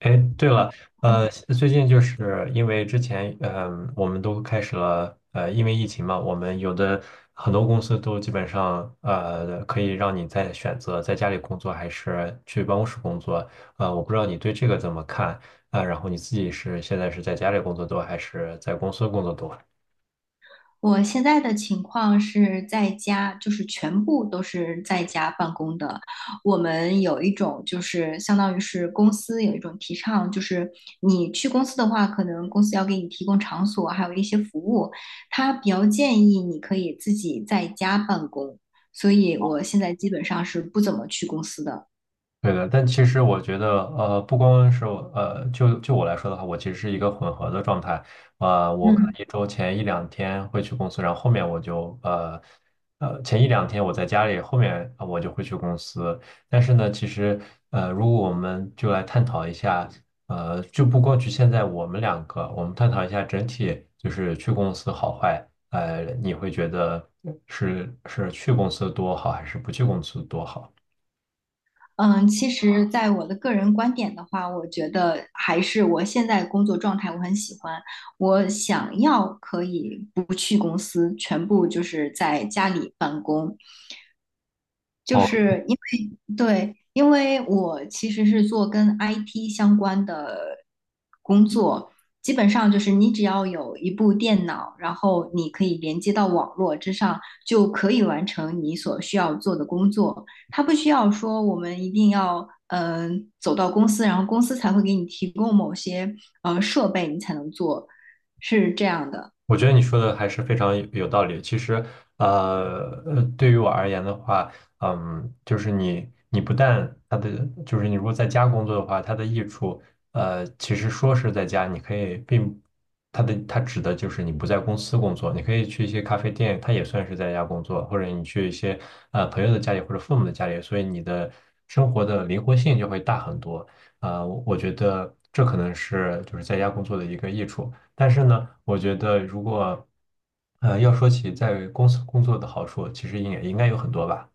哎，对了，最近就是因为之前，我们都开始了，因为疫情嘛，我们有的很多公司都基本上，可以让你在选择在家里工作还是去办公室工作，我不知道你对这个怎么看啊，然后你自己是现在是在家里工作多还是在公司工作多？我现在的情况是在家，就是全部都是在家办公的。我们有一种就是相当于是公司有一种提倡，就是你去公司的话，可能公司要给你提供场所，还有一些服务。他比较建议你可以自己在家办公，所以我现在基本上是不怎么去公司的。对的，但其实我觉得，不光是我，就我来说的话，我其实是一个混合的状态，我可能一周前一两天会去公司，然后后面前一两天我在家里，后面我就会去公司。但是呢，其实,如果我们就来探讨一下，就不光局限在我们两个，我们探讨一下整体，就是去公司好坏，你会觉得是去公司多好，还是不去公司多好？嗯，其实，在我的个人观点的话，我觉得还是我现在工作状态我很喜欢，我想要可以不去公司，全部就是在家里办公，就哦。是因为对，因为我其实是做跟 IT 相关的工作，基本上就是你只要有一部电脑，然后你可以连接到网络之上，就可以完成你所需要做的工作。它不需要说我们一定要走到公司，然后公司才会给你提供某些设备，你才能做，是这样的。我觉得你说的还是非常有道理。其实，对于我而言的话，就是你不但它的，就是你如果在家工作的话，它的益处，其实说是在家，你可以并它的它指的就是你不在公司工作，你可以去一些咖啡店，它也算是在家工作，或者你去一些朋友的家里或者父母的家里，所以你的生活的灵活性就会大很多。我觉得这可能是就是在家工作的一个益处。但是呢，我觉得如果要说起在公司工作的好处，其实也应该有很多吧。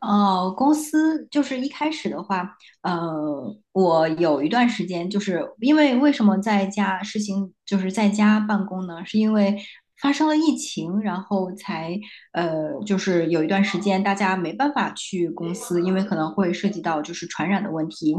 哦，公司就是一开始的话，我有一段时间就是因为为什么在家实行就是在家办公呢？是因为发生了疫情，然后才就是有一段时间大家没办法去公司，因为可能会涉及到就是传染的问题。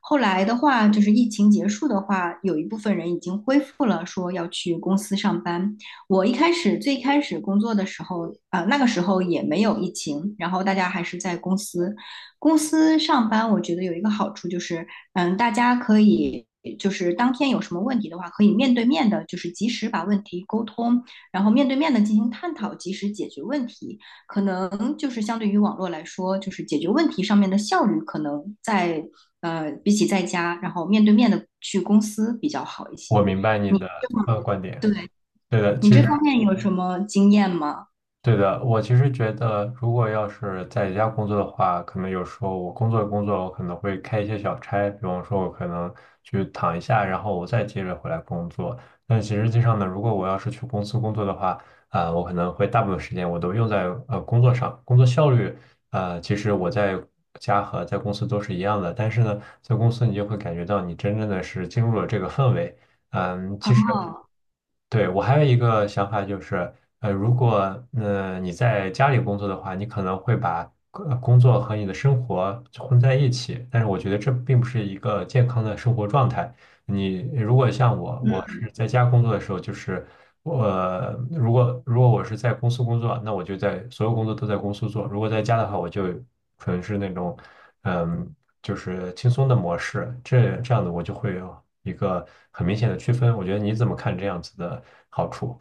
后来的话，就是疫情结束的话，有一部分人已经恢复了说要去公司上班，我一开始最开始工作的时候，那个时候也没有疫情，然后大家还是在公司，公司上班，我觉得有一个好处就是，嗯，大家可以就是当天有什么问题的话，可以面对面的，就是及时把问题沟通，然后面对面的进行探讨，及时解决问题。可能就是相对于网络来说，就是解决问题上面的效率，可能在比起在家，然后面对面的去公司比较好一我些。明白你你的观点，对，对的，你其这实。方面有什么经验吗？对的，我其实觉得，如果要是在家工作的话，可能有时候我工作，我可能会开一些小差，比方说，我可能去躺一下，然后我再接着回来工作。但其实实际上呢，如果我要是去公司工作的话，我可能会大部分时间我都用在工作上，工作效率，其实我在家和在公司都是一样的，但是呢，在公司你就会感觉到你真正的是进入了这个氛围。嗯，啊，其实。对，我还有一个想法就是，如果你在家里工作的话，你可能会把工作和你的生活混在一起，但是我觉得这并不是一个健康的生活状态。你如果像我，我是在家工作的时候，就是我,如果我是在公司工作，那我就在所有工作都在公司做；如果在家的话，我就纯是那种。嗯。就是轻松的模式，这样子我就会有一个很明显的区分。我觉得你怎么看这样子的好处？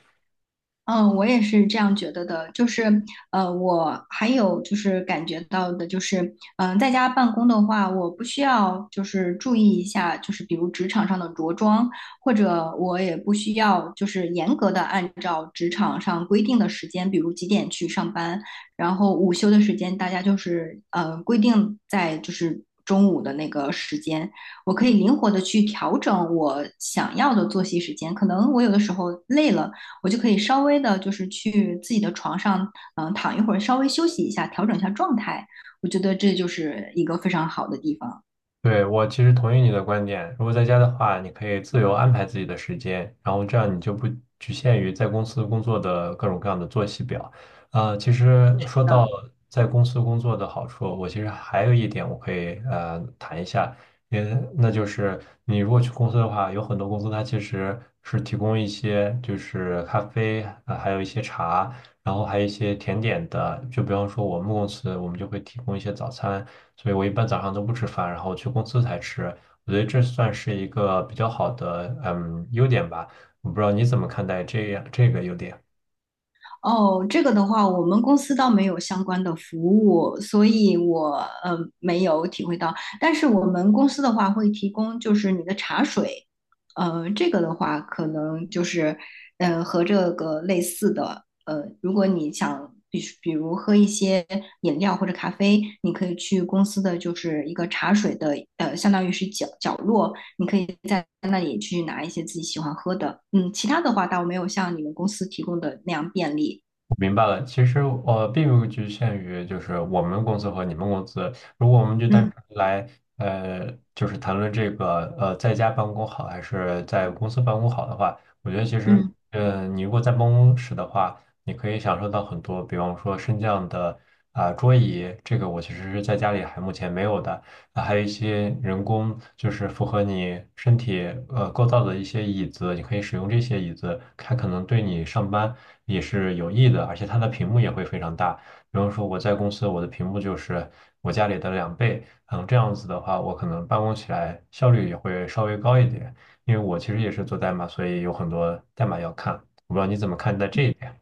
嗯，我也是这样觉得的。就是，我还有就是感觉到的，就是，在家办公的话，我不需要就是注意一下，就是比如职场上的着装，或者我也不需要就是严格的按照职场上规定的时间，比如几点去上班，然后午休的时间大家就是规定在就是中午的那个时间，我可以灵活的去调整我想要的作息时间。可能我有的时候累了。我就可以稍微的，就是去自己的床上，躺一会儿，稍微休息一下，调整一下状态。我觉得这就是一个非常好的地方。对，我其实同意你的观点。如果在家的话，你可以自由安排自己的时间，然后这样你就不局限于在公司工作的各种各样的作息表。其实说到嗯、在公司工作的好处，我其实还有一点我可以谈一下，那就是你如果去公司的话，有很多公司它其实是提供一些就是咖啡，还有一些茶。然后还有一些甜点的，就比方说我们公司我们就会提供一些早餐，所以我一般早上都不吃饭，然后去公司才吃。我觉得这算是一个比较好的优点吧，我不知道你怎么看待这样这个优点。哦，这个的话，我们公司倒没有相关的服务，所以我没有体会到。但是我们公司的话会提供就是你的茶水，这个的话可能就是和这个类似的，如果你想比如喝一些饮料或者咖啡，你可以去公司的就是一个茶水的相当于是角落那里去拿一些自己喜欢喝的。嗯，其他的话倒没有像你们公司提供的那样便利。明白了，其实并不局限于就是我们公司和你们公司。如果我们就单嗯。纯来就是谈论这个在家办公好还是在公司办公好的话，我觉得其实嗯你如果在办公室的话，你可以享受到很多，比方说升降的桌椅，这个我其实是在家里还目前没有的。啊还有一些人工，就是符合你身体构造的一些椅子，你可以使用这些椅子，它可能对你上班也是有益的，而且它的屏幕也会非常大。比方说我在公司，我的屏幕就是我家里的两倍，嗯，这样子的话，我可能办公起来效率也会稍微高一点，因为我其实也是做代码，所以有很多代码要看。我不知道你怎么看待这一点。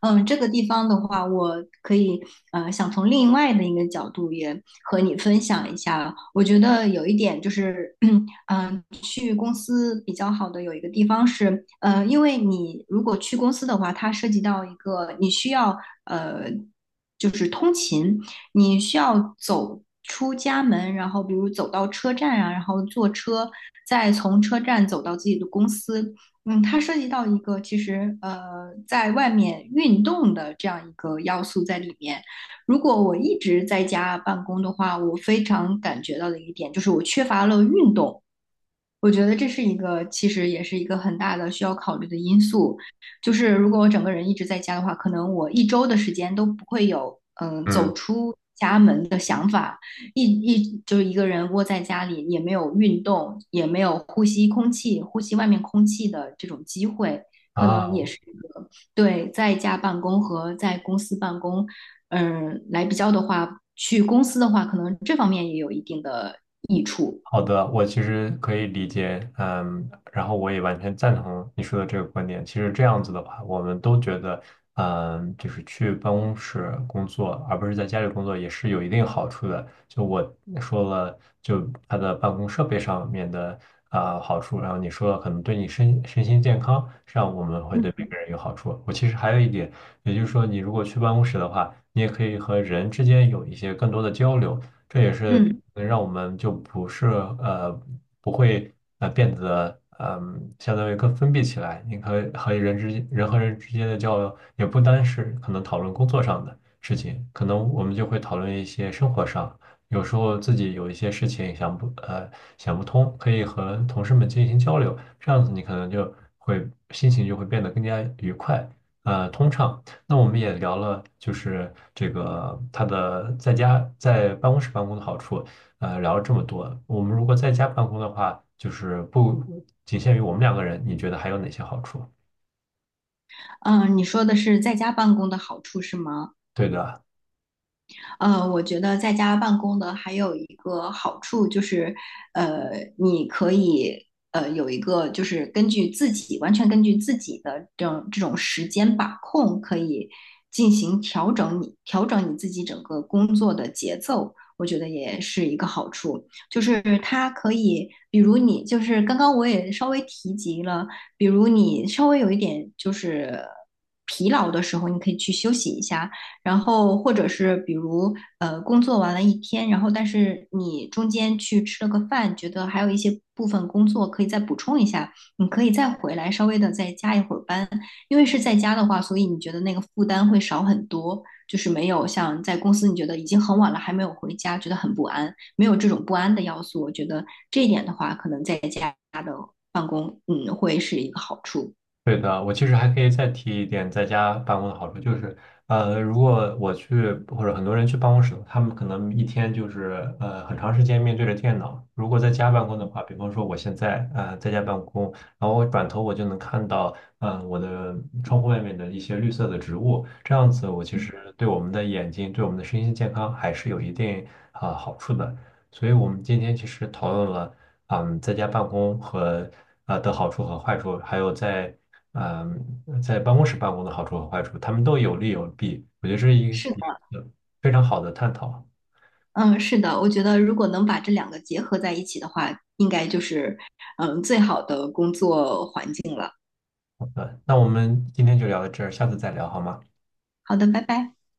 嗯，这个地方的话，我可以想从另外的一个角度也和你分享一下。我觉得有一点就是，去公司比较好的有一个地方是，因为你如果去公司的话，它涉及到一个你需要呃，就是通勤，你需要走出家门，然后比如走到车站啊，然后坐车，再从车站走到自己的公司，嗯，它涉及到一个其实在外面运动的这样一个要素在里面。如果我一直在家办公的话，我非常感觉到的一点就是我缺乏了运动。我觉得这是一个，其实也是一个很大的需要考虑的因素。就是如果我整个人一直在家的话，可能我一周的时间都不会有嗯。走出家门的想法。一就是一个人窝在家里，也没有运动，也没有呼吸空气、呼吸外面空气的这种机会，可能啊，也是一个对在家办公和在公司办公，来比较的话，去公司的话，可能这方面也有一定的益处。好的，我其实可以理解，嗯，然后我也完全赞同你说的这个观点。其实这样子的话，我们都觉得，就是去办公室工作，而不是在家里工作，也是有一定好处的。就我说了，就他的办公设备上面的好处，然后你说了可能对你身心健康上我们会对每个人有好处。我其实还有一点，也就是说，你如果去办公室的话，你也可以和人之间有一些更多的交流。这也是嗯。能让我们就不是不会变得相当于更封闭起来。你可以和人和人之间的交流，也不单是可能讨论工作上的事情，可能我们就会讨论一些生活上，有时候自己有一些事情想不通，可以和同事们进行交流，这样子你可能就会心情就会变得更加愉快，通畅。那我们也聊了，就是这个他的在家在办公室办公的好处，聊了这么多。我们如果在家办公的话，就是不仅限于我们两个人，你觉得还有哪些好处？你说的是在家办公的好处是吗？对的，我觉得在家办公的还有一个好处就是，呃，你可以有一个就是根据自己完全根据自己的这种时间把控，可以进行调整你自己整个工作的节奏，我觉得也是一个好处。就是它可以，比如你就是刚刚我也稍微提及了，比如你稍微有一点就是疲劳的时候，你可以去休息一下。然后或者是比如工作完了一天，然后但是你中间去吃了个饭，觉得还有一些部分工作可以再补充一下，你可以再回来稍微的再加一会儿班，因为是在家的话，所以你觉得那个负担会少很多，就是没有像在公司你觉得已经很晚了还没有回家，觉得很不安，没有这种不安的要素，我觉得这一点的话，可能在家的办公，嗯，会是一个好处。对的，我其实还可以再提一点在家办公的好处，就是，如果我去或者很多人去办公室，他们可能一天就是很长时间面对着电脑。如果在家办公的话，比方说我现在在家办公，然后我转头我就能看到我的窗户外面的一些绿色的植物，这样子我其实对我们的眼睛、对我们的身心健康还是有一定好处的。所以我们今天其实讨论了。嗯，在家办公和的好处和坏处，还有在嗯，在办公室办公的好处和坏处，他们都有利有弊，我觉得这是一个是一的。个非常好的探讨。嗯，是的，我觉得如果能把这两个结合在一起的话，应该就是嗯最好的工作环境了。好的那我们今天就聊到这儿，下次再聊好吗？好的，拜拜。